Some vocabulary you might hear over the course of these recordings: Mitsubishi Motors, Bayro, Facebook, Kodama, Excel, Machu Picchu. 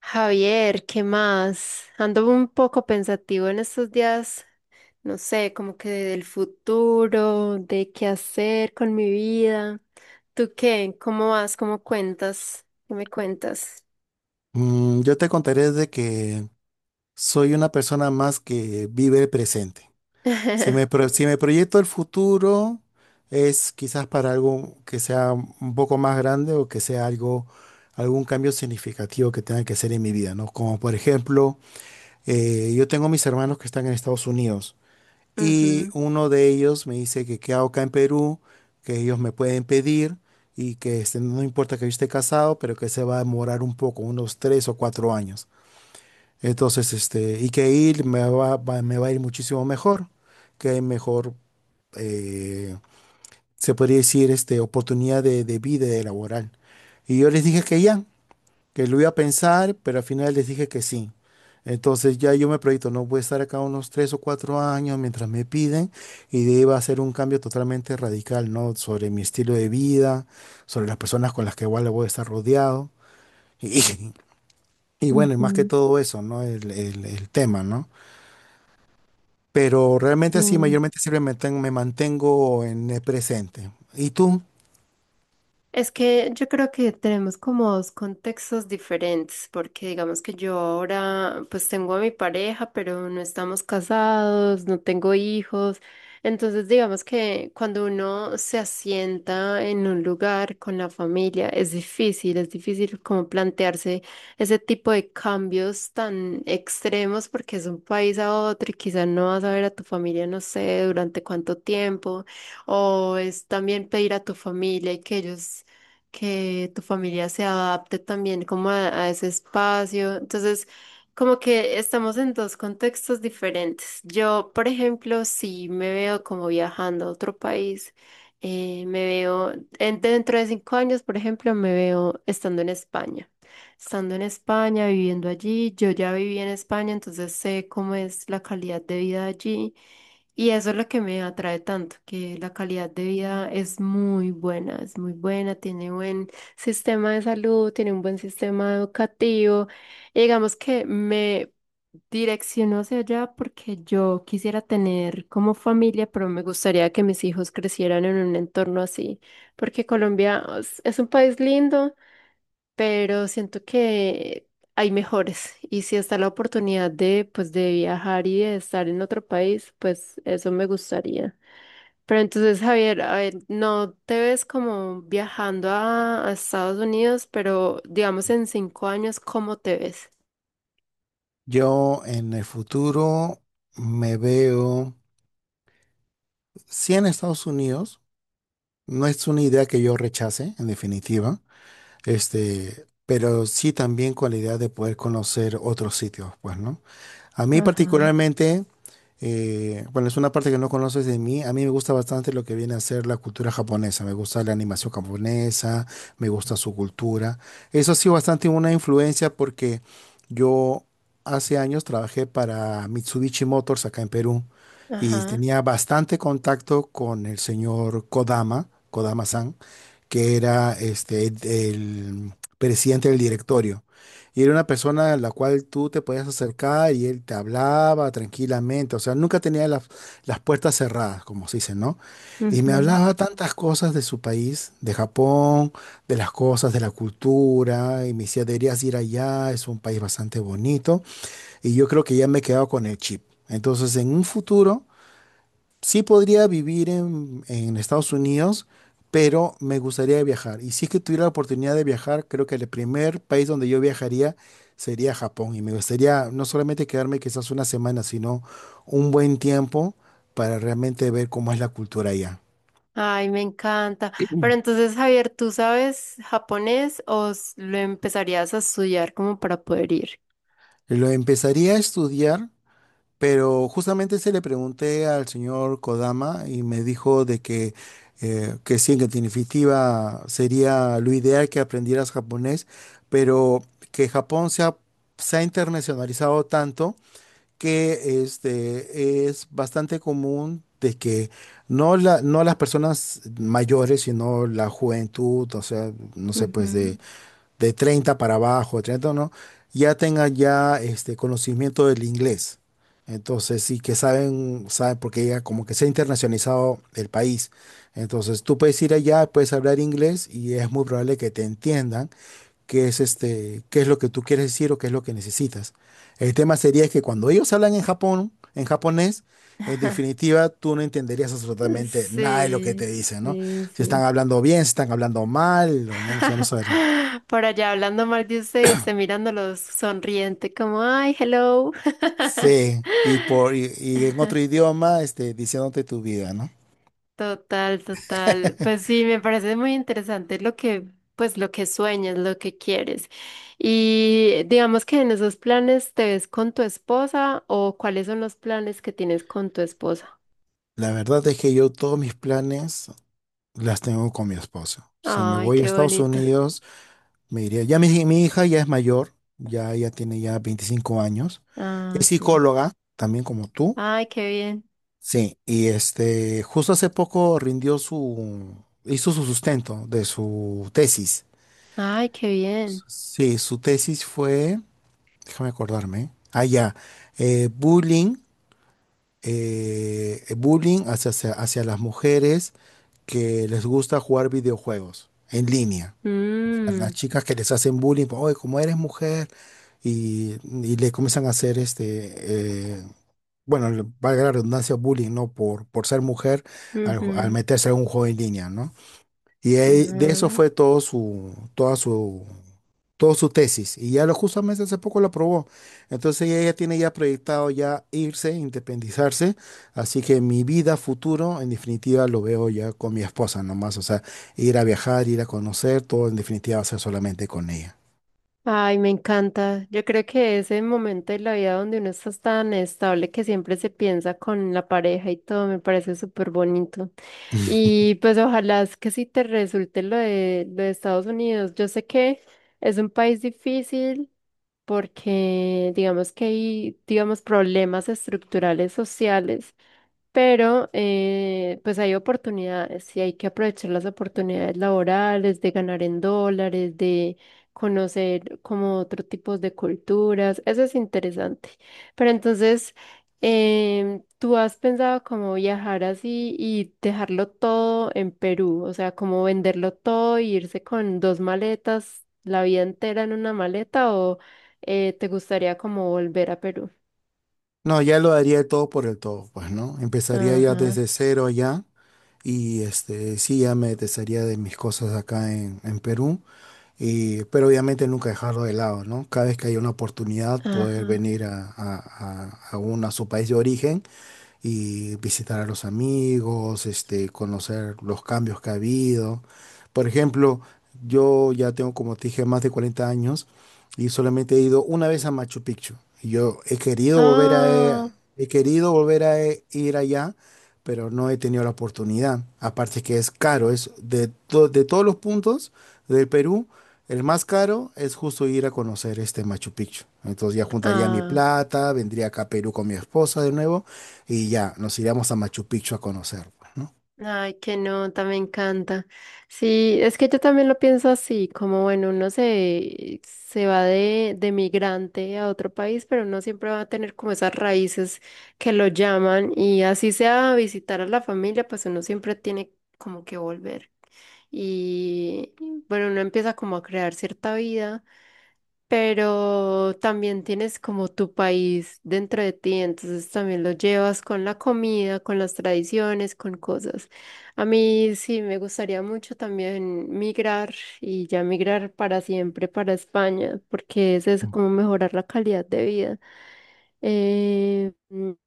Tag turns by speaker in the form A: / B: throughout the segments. A: Javier, ¿qué más? Ando un poco pensativo en estos días, no sé, como que del futuro, de qué hacer con mi vida. ¿Tú qué? ¿Cómo vas? ¿Cómo cuentas? ¿Qué me cuentas?
B: Yo te contaré de que soy una persona más que vive el presente. Si me proyecto el futuro, es quizás para algo que sea un poco más grande o que sea algo, algún cambio significativo que tenga que hacer en mi vida, ¿no? Como por ejemplo, yo tengo mis hermanos que están en Estados Unidos y
A: Ujú.
B: uno de ellos me dice que qué hago acá en Perú, que ellos me pueden pedir y que este, no importa que yo esté casado, pero que se va a demorar un poco, unos tres o cuatro años. Entonces, este, y que ir me va a ir muchísimo mejor, que hay mejor, eh, se podría decir, este, oportunidad de vida y de laboral. Y yo les dije que ya, que lo iba a pensar, pero al final les dije que sí. Entonces ya yo me proyecto, no voy a estar acá unos tres o cuatro años mientras me piden y de ahí va a ser un cambio totalmente radical, ¿no? Sobre mi estilo de vida, sobre las personas con las que igual voy a estar rodeado. Y, y bueno, y más que
A: Ujú.
B: todo eso, ¿no? El tema, ¿no? Pero
A: Sí.
B: realmente así, mayormente siempre me mantengo en el presente. ¿Y tú?
A: Es que yo creo que tenemos como dos contextos diferentes, porque digamos que yo ahora pues tengo a mi pareja, pero no estamos casados, no tengo hijos. Entonces digamos que cuando uno se asienta en un lugar con la familia es difícil como plantearse ese tipo de cambios tan extremos porque es un país a otro y quizás no vas a ver a tu familia, no sé, durante cuánto tiempo. O es también pedir a tu familia y que ellos que tu familia se adapte también como a ese espacio. Entonces, como que estamos en dos contextos diferentes. Yo, por ejemplo, sí me veo como viajando a otro país. Me veo dentro de cinco años, por ejemplo, me veo estando en España. Estando en España, viviendo allí. Yo ya viví en España, entonces sé cómo es la calidad de vida allí. Y eso es lo que me atrae tanto, que la calidad de vida es muy buena, tiene buen sistema de salud, tiene un buen sistema educativo. Y digamos que me direcciono hacia allá porque yo quisiera tener como familia, pero me gustaría que mis hijos crecieran en un entorno así, porque Colombia es un país lindo, pero siento que hay mejores, y si está la oportunidad de pues de viajar y de estar en otro país, pues eso me gustaría. Pero entonces, Javier, a ver, no te ves como viajando a Estados Unidos, pero digamos en 5 años, ¿cómo te ves?
B: Yo en el futuro me veo, sí, en Estados Unidos. No es una idea que yo rechace, en definitiva. Este, pero sí también con la idea de poder conocer otros sitios, pues, ¿no? A mí
A: Ajá.
B: particularmente, bueno, es una parte que no conoces de mí, a mí me gusta bastante lo que viene a ser la cultura japonesa, me gusta la animación japonesa, me gusta su cultura. Eso ha sido bastante una influencia porque yo hace años trabajé para Mitsubishi Motors acá en Perú y
A: Ajá.
B: tenía bastante contacto con el señor Kodama, Kodama-san, que era este, el presidente del directorio. Y era una persona a la cual tú te podías acercar y él te hablaba tranquilamente. O sea, nunca tenía las puertas cerradas, como se dice, ¿no? Y me
A: Ujú.
B: hablaba tantas cosas de su país, de Japón, de las cosas, de la cultura. Y me decía, deberías ir allá, es un país bastante bonito. Y yo creo que ya me he quedado con el chip. Entonces, en un futuro sí podría vivir en Estados Unidos, pero me gustaría viajar. Y si es que tuviera la oportunidad de viajar, creo que el primer país donde yo viajaría sería Japón. Y me gustaría no solamente quedarme quizás una semana, sino un buen tiempo para realmente ver cómo es la cultura allá.
A: Ay, me encanta. Pero entonces, Javier, ¿tú sabes japonés o lo empezarías a estudiar como para poder ir?
B: Lo empezaría a estudiar. Pero justamente se le pregunté al señor Kodama y me dijo de que sí, que en definitiva sería lo ideal que aprendieras japonés, pero que se ha internacionalizado tanto que este, es bastante común de que no, no las personas mayores, sino la juventud, o sea, no sé, pues
A: Ujú.
B: de 30 para abajo, de 30, no, ya tengan ya este conocimiento del inglés. Entonces, sí que saben, saben, porque ya como que se ha internacionalizado el país. Entonces, tú puedes ir allá, puedes hablar inglés y es muy probable que te entiendan qué es este, qué es lo que tú quieres decir o qué es lo que necesitas. El tema sería que cuando ellos hablan en Japón, en japonés, en definitiva, tú no entenderías absolutamente nada de lo que
A: Sí,
B: te dicen, ¿no?
A: sí,
B: Si están
A: sí.
B: hablando bien, si están hablando mal, o no, o sea, no saber.
A: Por allá hablando mal de usted, y usted mirándolos sonriente, como, ay, hello.
B: Sí, y en otro idioma, este, diciéndote tu vida, ¿no?
A: Total, total. Pues sí, me parece muy interesante lo que, pues lo que sueñas, lo que quieres. Y digamos que en esos planes te ves con tu esposa, o cuáles son los planes que tienes con tu esposa.
B: La verdad es que yo todos mis planes las tengo con mi esposo. Si me
A: Ay,
B: voy a
A: qué
B: Estados
A: bonito.
B: Unidos, me iría. Ya mi hija ya es mayor, ya, ya tiene ya 25 años.
A: Ah,
B: Es
A: sí.
B: psicóloga, también como tú.
A: Ay, qué bien.
B: Sí, y este, justo hace poco hizo su sustento de su tesis.
A: Ay, qué bien.
B: Sí, su tesis fue, déjame acordarme, ah, ya, bullying. Bullying hacia las mujeres que les gusta jugar videojuegos en línea. A las
A: Mm,
B: chicas que les hacen bullying, oye, como eres mujer, y, y le comienzan a hacer este, bueno, le- valga la redundancia, bullying, ¿no? Por ser mujer al
A: ujú.
B: meterse a un juego en línea, ¿no? Y ahí- de eso
A: Ujú.
B: fue todo su, toda su, toda su tesis. Y ya lo justamente hace poco lo aprobó. Entonces ella ya tiene ya proyectado ya irse, independizarse. Así que mi vida futuro, en definitiva, lo veo ya con mi esposa nomás. O sea, ir a viajar, ir a conocer, todo en definitiva va a ser solamente con ella.
A: Ay, me encanta. Yo creo que ese momento de la vida donde uno está tan estable que siempre se piensa con la pareja y todo, me parece súper bonito. Y pues ojalá es que sí te resulte lo de Estados Unidos. Yo sé que es un país difícil, porque digamos que hay, digamos, problemas estructurales sociales. Pero pues hay oportunidades y hay que aprovechar las oportunidades laborales, de ganar en dólares, de conocer como otros tipos de culturas. Eso es interesante. Pero entonces, ¿tú has pensado como viajar así y dejarlo todo en Perú? O sea, como venderlo todo e irse con dos maletas, la vida entera en una maleta, o ¿te gustaría como volver a Perú?
B: No, ya lo daría el todo por el todo, pues, ¿no? Empezaría ya
A: Ajá,
B: desde cero ya. Y este, sí, ya me desharía de mis cosas acá en Perú. Y- pero obviamente nunca dejarlo de lado, ¿no? Cada vez que hay una oportunidad, poder
A: ajá.
B: venir a uno, a su país de origen y visitar a los amigos, este, conocer los cambios que ha habido. Por ejemplo, yo ya tengo, como te dije, más de 40 años y solamente he ido una vez a Machu Picchu. Y yo he querido
A: Ah.
B: he querido volver a ir allá, pero no he tenido la oportunidad. Aparte que es caro, es de, to- de todos los puntos del Perú el más caro es justo ir a conocer este Machu Picchu. Entonces ya juntaría mi
A: Ah,
B: plata, vendría acá a Perú con mi esposa de nuevo y ya nos iríamos a Machu Picchu a conocer, pues, ¿no?
A: ay, qué nota, me encanta. Sí, es que yo también lo pienso así, como bueno, uno se, se va de migrante a otro país, pero uno siempre va a tener como esas raíces que lo llaman, y así sea a visitar a la familia, pues uno siempre tiene como que volver. Y bueno, uno empieza como a crear cierta vida. Pero también tienes como tu país dentro de ti, entonces también lo llevas con la comida, con las tradiciones, con cosas. A mí sí me gustaría mucho también migrar y ya migrar para siempre para España, porque es eso, como mejorar la calidad de vida. Eh,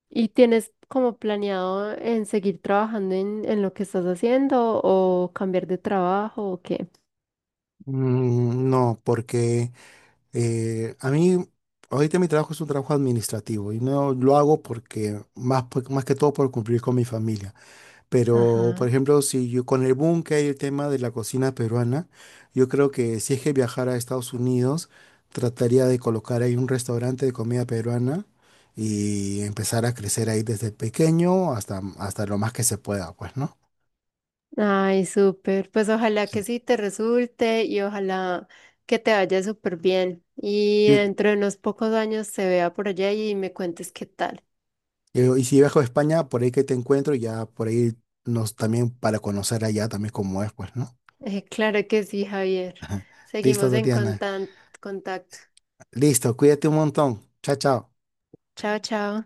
A: ¿Y tienes como planeado en seguir trabajando en lo que estás haciendo, o cambiar de trabajo, o qué?
B: No, porque a mí ahorita mi trabajo es un trabajo administrativo y no lo hago porque más que todo por cumplir con mi familia. Pero, por
A: Ajá.
B: ejemplo, si yo con el boom que hay el tema de la cocina peruana, yo creo que si es que viajara a Estados Unidos, trataría de colocar ahí un restaurante de comida peruana y empezar a crecer ahí desde pequeño hasta, hasta lo más que se pueda, pues, ¿no?
A: Ay, súper. Pues ojalá que
B: Sí.
A: sí te resulte y ojalá que te vaya súper bien. Y
B: Yo-
A: dentro de unos pocos años se vea por allá y me cuentes qué tal.
B: y si viajo a España, por ahí que te encuentro, ya por ahí nos también para conocer allá también cómo es, pues, ¿no?
A: Claro que sí, Javier.
B: Listo,
A: Seguimos
B: Tatiana.
A: contacto.
B: Listo, cuídate un montón. Chao, chao.
A: Chao, chao.